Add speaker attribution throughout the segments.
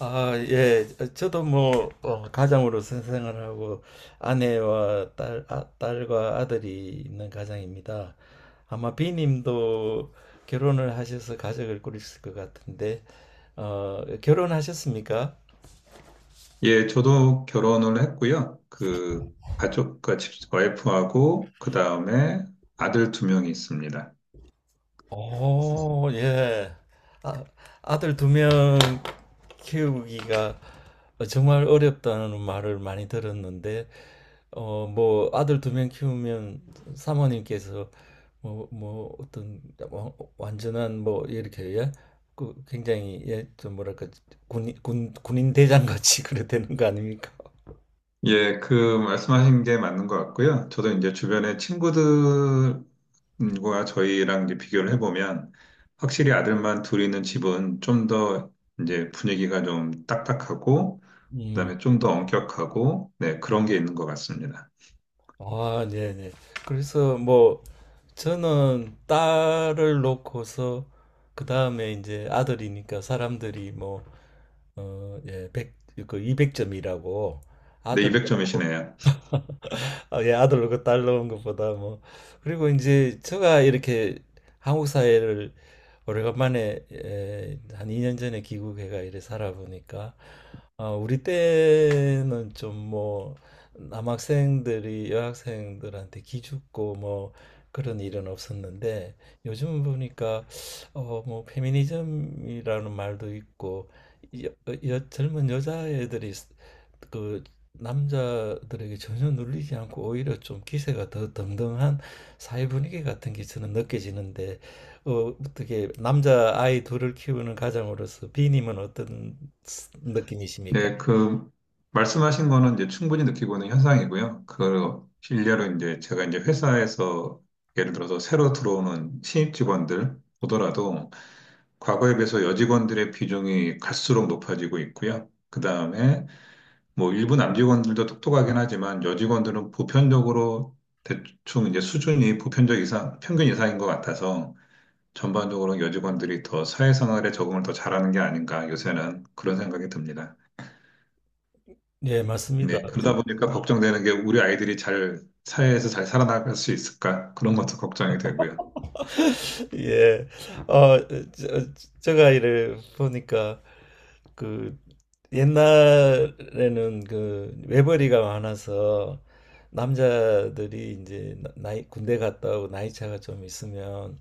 Speaker 1: 아, 예. 저도 뭐 가장으로 생활을 하고 아내와 딸과 아들이 있는 가장입니다. 아마 비님도 결혼을 하셔서 가족을 꾸리실 것 같은데 결혼하셨습니까?
Speaker 2: 예, 저도 결혼을 했고요. 그 가족, 그 집- 와이프하고 그 다음에 아들 두 명이 있습니다.
Speaker 1: 오, 예. 아, 아들 두명 키우기가 정말 어렵다는 말을 많이 들었는데 뭐 아들 두 명 키우면 사모님께서 뭐 어떤 와- 완전한 뭐 이렇게 예? 그 굉장히 예, 좀 뭐랄까 군인 대장 같이 그래 되는 거 아닙니까?
Speaker 2: 예, 그 말씀하신 게 맞는 것 같고요. 저도 이제 주변에 친구들과 저희랑 이제 비교를 해보면 확실히 아들만 둘 있는 집은 좀 더 이제 분위기가 좀 딱딱하고
Speaker 1: 음.
Speaker 2: 그다음에 좀 더 엄격하고 네, 그런 게 있는 것 같습니다.
Speaker 1: 아, 네, 네. 그래서 뭐 저는 딸을 놓고서 그 다음에 이제 아들이니까 사람들이 뭐 예, 백그 200점이라고
Speaker 2: 네,
Speaker 1: 아들도.
Speaker 2: 200점이시네요.
Speaker 1: 아, 예, 아들 로고딸로온 것보다 뭐. 그리고 이제 제가 이렇게 한국 사회를 오래간만에 한 2년 전에 귀국해가 이래 살아보니까 우리 때는 좀 뭐 남학생들이 여학생들한테 기죽고 뭐 그런 일은 없었는데 요즘 보니까 뭐 페미니즘이라는 말도 있고 여, 젊은 여자애들이 그 남자들에게 전혀 눌리지 않고 오히려 좀 기세가 더 등등한 사회 분위기 같은 게 저는 느껴지는데 어, 어떻게 남자 아이 둘을 키우는 가장으로서 비님은 어떤 느낌이십니까?
Speaker 2: 네, 그 말씀하신 거는 이제 충분히 느끼고 있는 현상이고요. 그 일례로 이제 제가 이제 회사에서 예를 들어서 새로 들어오는 신입 직원들 보더라도 과거에 비해서 여직원들의 비중이 갈수록 높아지고 있고요. 그 다음에 뭐 일부 남직원들도 똑똑하긴 하지만 여직원들은 보편적으로 대충 이제 수준이 보편적 이상, 평균 이상인 것 같아서 전반적으로 여직원들이 더 사회생활에 적응을 더 잘하는 게 아닌가 요새는 그런 생각이 듭니다.
Speaker 1: 네, 맞습니다.
Speaker 2: 네, 그러다 보니까 걱정되는 게 우리 아이들이 잘 사회에서 잘 살아나갈 수 있을까? 그런 것도 걱정이 되고요.
Speaker 1: 예. 어, 저, 제가 이를 보니까 그 옛날에는 그 외벌이가 많아서 남자들이 이제 나이 군대 갔다 오고 나이 차가 좀 있으면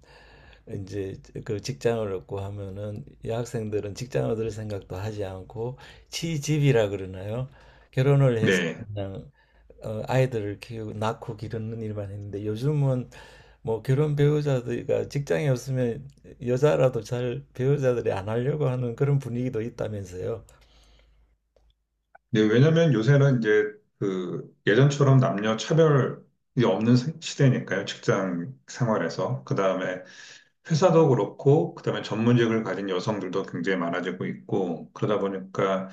Speaker 1: 이제 그 직장을 얻고 하면은 여학생들은 직장 얻을 생각도 하지 않고 취집이라 그러나요? 결혼을 해서
Speaker 2: 네.
Speaker 1: 그냥 아이들을 키우고 낳고 기르는 일만 했는데 요즘은 뭐 결혼 배우자들이 직장에 없으면 여자라도 잘 배우자들이 안 하려고 하는 그런 분위기도 있다면서요.
Speaker 2: 네, 왜냐면 요새는 이제 그 예전처럼 남녀 차별이 없는 시대니까요. 직장 생활에서. 그다음에 회사도 그렇고, 그다음에 전문직을 가진 여성들도 굉장히 많아지고 있고, 그러다 보니까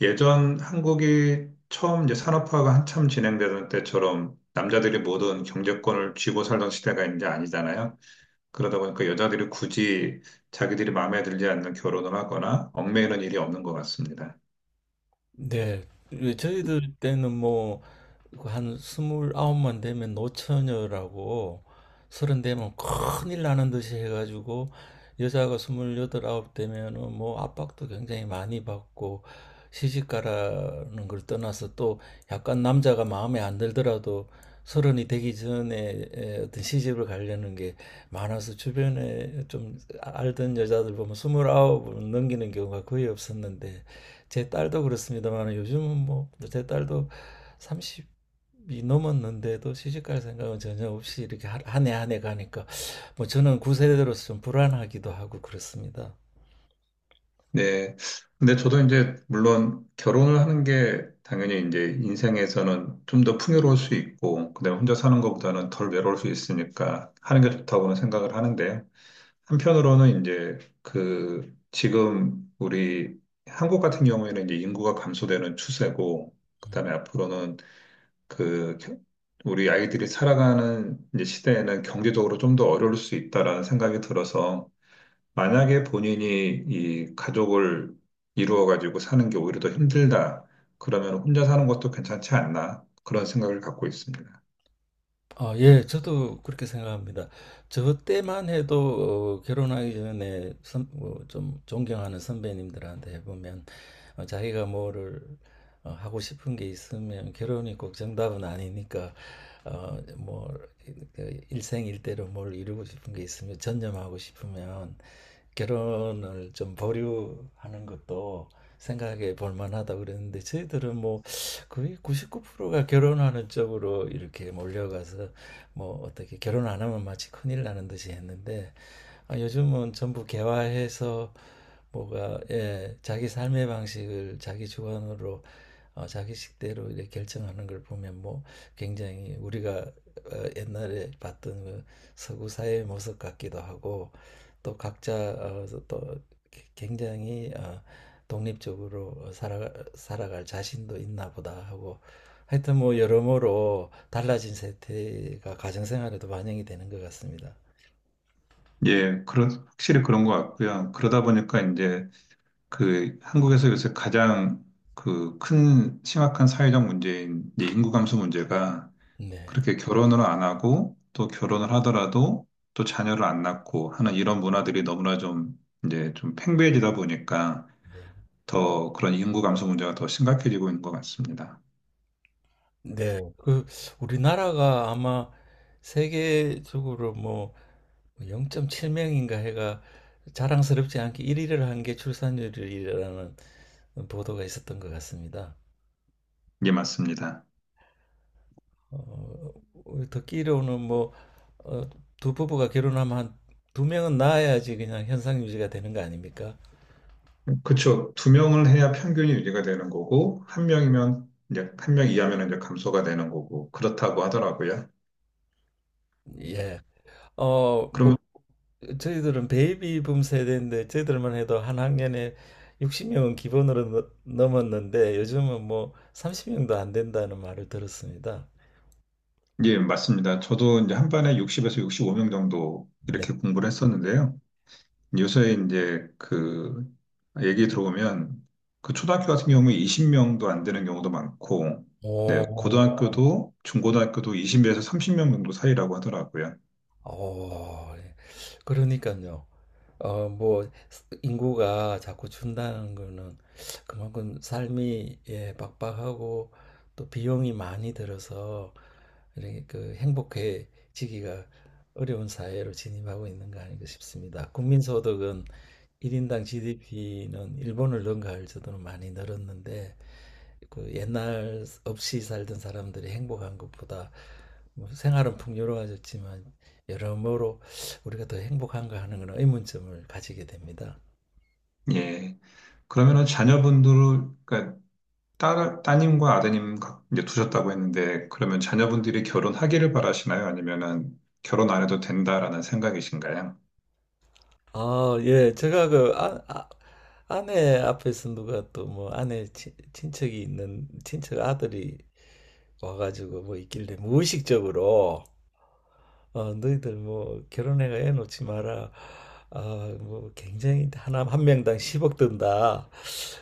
Speaker 2: 예전 한국이 처음 이제 산업화가 한참 진행되던 때처럼 남자들이 모든 경제권을 쥐고 살던 시대가 이제 아니잖아요. 그러다 보니까 여자들이 굳이 자기들이 마음에 들지 않는 결혼을 하거나 얽매이는 일이 없는 것 같습니다.
Speaker 1: 네. 왜 저희들 때는 뭐 그 한 스물아홉만 되면 노처녀라고 서른 되면 큰일 나는 듯이 해가지고 여자가 스물여덟 아홉 되면은 뭐 압박도 굉장히 많이 받고 시집가라는 걸 떠나서 또 약간 남자가 마음에 안 들더라도 서른이 되기 전에 어떤 시집을 가려는 게 많아서 주변에 좀 알던 여자들 보면 스물아홉을 넘기는 경우가 거의 없었는데 제 딸도 그렇습니다만 요즘은 뭐 제 딸도 30 이 넘었는데도 시집갈 생각은 전혀 없이 이렇게 한 해 한 해 가니까 뭐 저는 구세대로서 좀 불안하기도 하고 그렇습니다.
Speaker 2: 네. 근데 저도 이제 물론 결혼을 하는 게 당연히 이제 인생에서는 좀 더 풍요로울 수 있고, 그다음에 혼자 사는 것보다는 덜 외로울 수 있으니까 하는 게 좋다고는 생각을 하는데요. 한편으로는 이제 그 지금 우리 한국 같은 경우에는 이제 인구가 감소되는 추세고, 그다음에 앞으로는 그 겨- 우리 아이들이 살아가는 이제 시대에는 경제적으로 좀 더 어려울 수 있다라는 생각이 들어서 만약에 본인이 이 가족을 이루어 가지고 사는 게 오히려 더 힘들다. 그러면 혼자 사는 것도 괜찮지 않나? 그런 생각을 갖고 있습니다.
Speaker 1: 아, 예, 저도 그렇게 생각합니다. 저 때만 해도 결혼하기 전에 좀 존경하는 선배님들한테 해보면 자기가 뭐를 하고 싶은 게 있으면 결혼이 꼭 정답은 아니니까 뭐 그 일생일대로 뭘 이루고 싶은 게 있으면 전념하고 싶으면 결혼을 좀 보류하는 것도 생각해 볼 만하다 그랬는데 저희들은 뭐 거의 99%가 결혼하는 쪽으로 이렇게 몰려가서 뭐 어떻게 결혼 안 하면 마치 큰일 나는 듯이 했는데 아, 요즘은 전부 개화해서 뭐가 예, 자기 삶의 방식을 자기 주관으로 자기 식대로 이렇게 결정하는 걸 보면 뭐 굉장히 우리가 옛날에 봤던 그 서구 사회의 모습 같기도 하고 또 각자 또 굉장히 독립적으로 살아갈 자신도 있나 보다 하고 하여튼 뭐 여러모로 달라진 세태가 가정생활에도 반영이 되는 것 같습니다.
Speaker 2: 예, 그런 확실히 그런 것 같고요. 그러다 보니까 이제 그 한국에서 요새 가장 그 큰 심각한 사회적 문제인 이제 인구 감소 문제가
Speaker 1: 네.
Speaker 2: 그렇게 결혼을 안 하고 또 결혼을 하더라도 또 자녀를 안 낳고 하는 이런 문화들이 너무나 좀 이제 좀 팽배해지다 보니까
Speaker 1: 네.
Speaker 2: 더 그런 인구 감소 문제가 더 심각해지고 있는 것 같습니다.
Speaker 1: 네. 그 우리나라가 아마 세계적으로 뭐 0.7명인가 해가 자랑스럽지 않게 1위를 한 게 출산율이라는 보도가 있었던 것 같습니다.
Speaker 2: 이게 맞습니다.
Speaker 1: 어, 듣기로는 뭐 어, 두 부부가 결혼하면 한 두 명은 낳아야지 그냥 현상 유지가 되는 거 아닙니까?
Speaker 2: 그렇죠. 두 명을 해야 평균이 유지가 되는 거고 한 명이면 이제 한 명 이하면 이제 감소가 되는 거고 그렇다고 하더라고요.
Speaker 1: 예. 뭐
Speaker 2: 그러면
Speaker 1: 저희들은 베이비붐 세대인데 저희들만 해도 한 학년에 60명은 기본으로 넘었는데 요즘은 뭐 30명도 안 된다는 말을 들었습니다.
Speaker 2: 예, 맞습니다. 저도 이제 한반에 60에서 65명 정도
Speaker 1: 네.
Speaker 2: 이렇게 공부를 했었는데요. 요새 이제 그 얘기 들어보면 그 초등학교 같은 경우에 20명도 안 되는 경우도 많고, 네,
Speaker 1: 오,
Speaker 2: 고등학교도 중고등학교도 20에서 30명 정도 사이라고 하더라고요.
Speaker 1: 어, 그러니까요. 뭐, 인구가 자꾸 준다는 거는 그만큼 삶이, 예, 빡빡하고 또 비용이 많이 들어서 이렇게 그 행복해지기가 어려운 사회로 진입하고 있는 거 아닌가 싶습니다. 국민소득은 1인당 GDP는 일본을 능가할 정도로 많이 늘었는데 그 옛날 없이 살던 사람들이 행복한 것보다 뭐 생활은 풍요로워졌지만 여러모로 우리가 더 행복한가 하는 그런 의문점을 가지게 됩니다.
Speaker 2: 예. 그러면은 자녀분들, 그러니까 딸, 따님과 이제 두셨다고 했는데, 그러면 자녀분들이 결혼하기를 바라시나요? 아니면은 결혼 안 해도 된다라는 생각이신가요?
Speaker 1: 아, 예. 제가 그 아내 앞에서 누가 또 뭐 아내 친척이 있는 친척 아들이 와가지고 뭐 있길래 무의식적으로 너희들 뭐 결혼해가 애 놓지 마라. 아, 뭐 굉장히 하나 한 명당 10억 든다.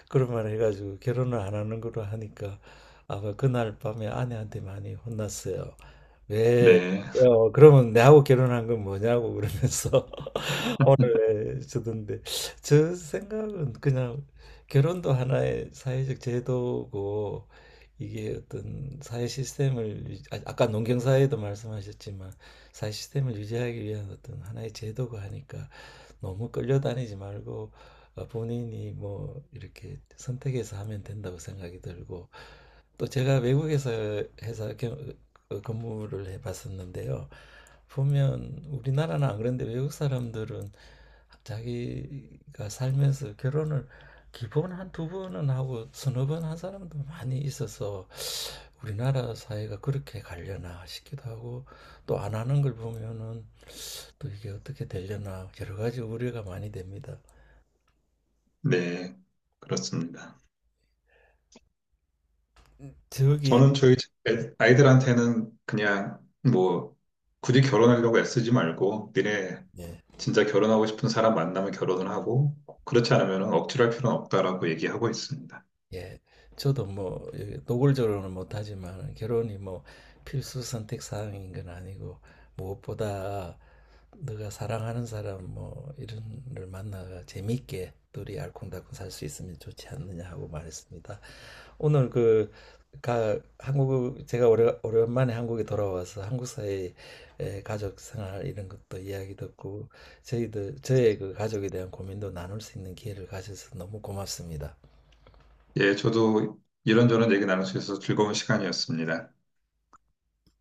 Speaker 1: 그런 말 해가지고 결혼을 안 하는 거로 하니까 아마 그날 밤에 아내한테 많이 혼났어요. 왜?
Speaker 2: 네,
Speaker 1: 그러면 내하고 결혼한 건 뭐냐고 그러면서 오늘 왜 주던데 저 생각은 그냥 결혼도 하나의 사회적 제도고 이게 어떤 사회 시스템을 아까 농경사회도 말씀하셨지만 사회 시스템을 유지하기 위한 어떤 하나의 제도고 하니까 너무 끌려다니지 말고 본인이 뭐 이렇게 선택해서 하면 된다고 생각이 들고 또 제가 외국에서 회사 근무를 해봤었는데요. 보면 우리나라는 안 그런데 외국 사람들은 자기가 살면서 결혼을 기본 한 두 번은 하고 서너 번 한 사람도 많이 있어서 우리나라 사회가 그렇게 가려나 싶기도 하고 또 안 하는 걸 보면은 또 이게 어떻게 되려나 여러 가지 우려가 많이 됩니다.
Speaker 2: 네, 그렇습니다.
Speaker 1: 저기
Speaker 2: 저는 저희 집 아이들한테는 그냥 뭐 굳이 결혼하려고 애쓰지 말고 니네
Speaker 1: 예,
Speaker 2: 진짜 결혼하고 싶은 사람 만나면 결혼을 하고 그렇지 않으면 억지로 할 필요는 없다라고 얘기하고 있습니다.
Speaker 1: 예. 저도 뭐 예, 노골적으로는 못하지만 결혼이 뭐 필수 선택 사항인 건 아니고 무엇보다 네가 사랑하는 사람 뭐 이런 걸 만나가 재밌게 둘이 알콩달콩 살 수 있으면 좋지 않느냐 하고 말했습니다. 오늘 그 한국 제가 오랜만에 한국에 돌아와서 한국 사회의 가족 생활 이런 것도 이야기 듣고 저희들 저의 그 가족에 대한 고민도 나눌 수 있는 기회를 가져서 너무 고맙습니다.
Speaker 2: 예, 저도 이런저런 얘기 나눌 수 있어서 즐거운 시간이었습니다.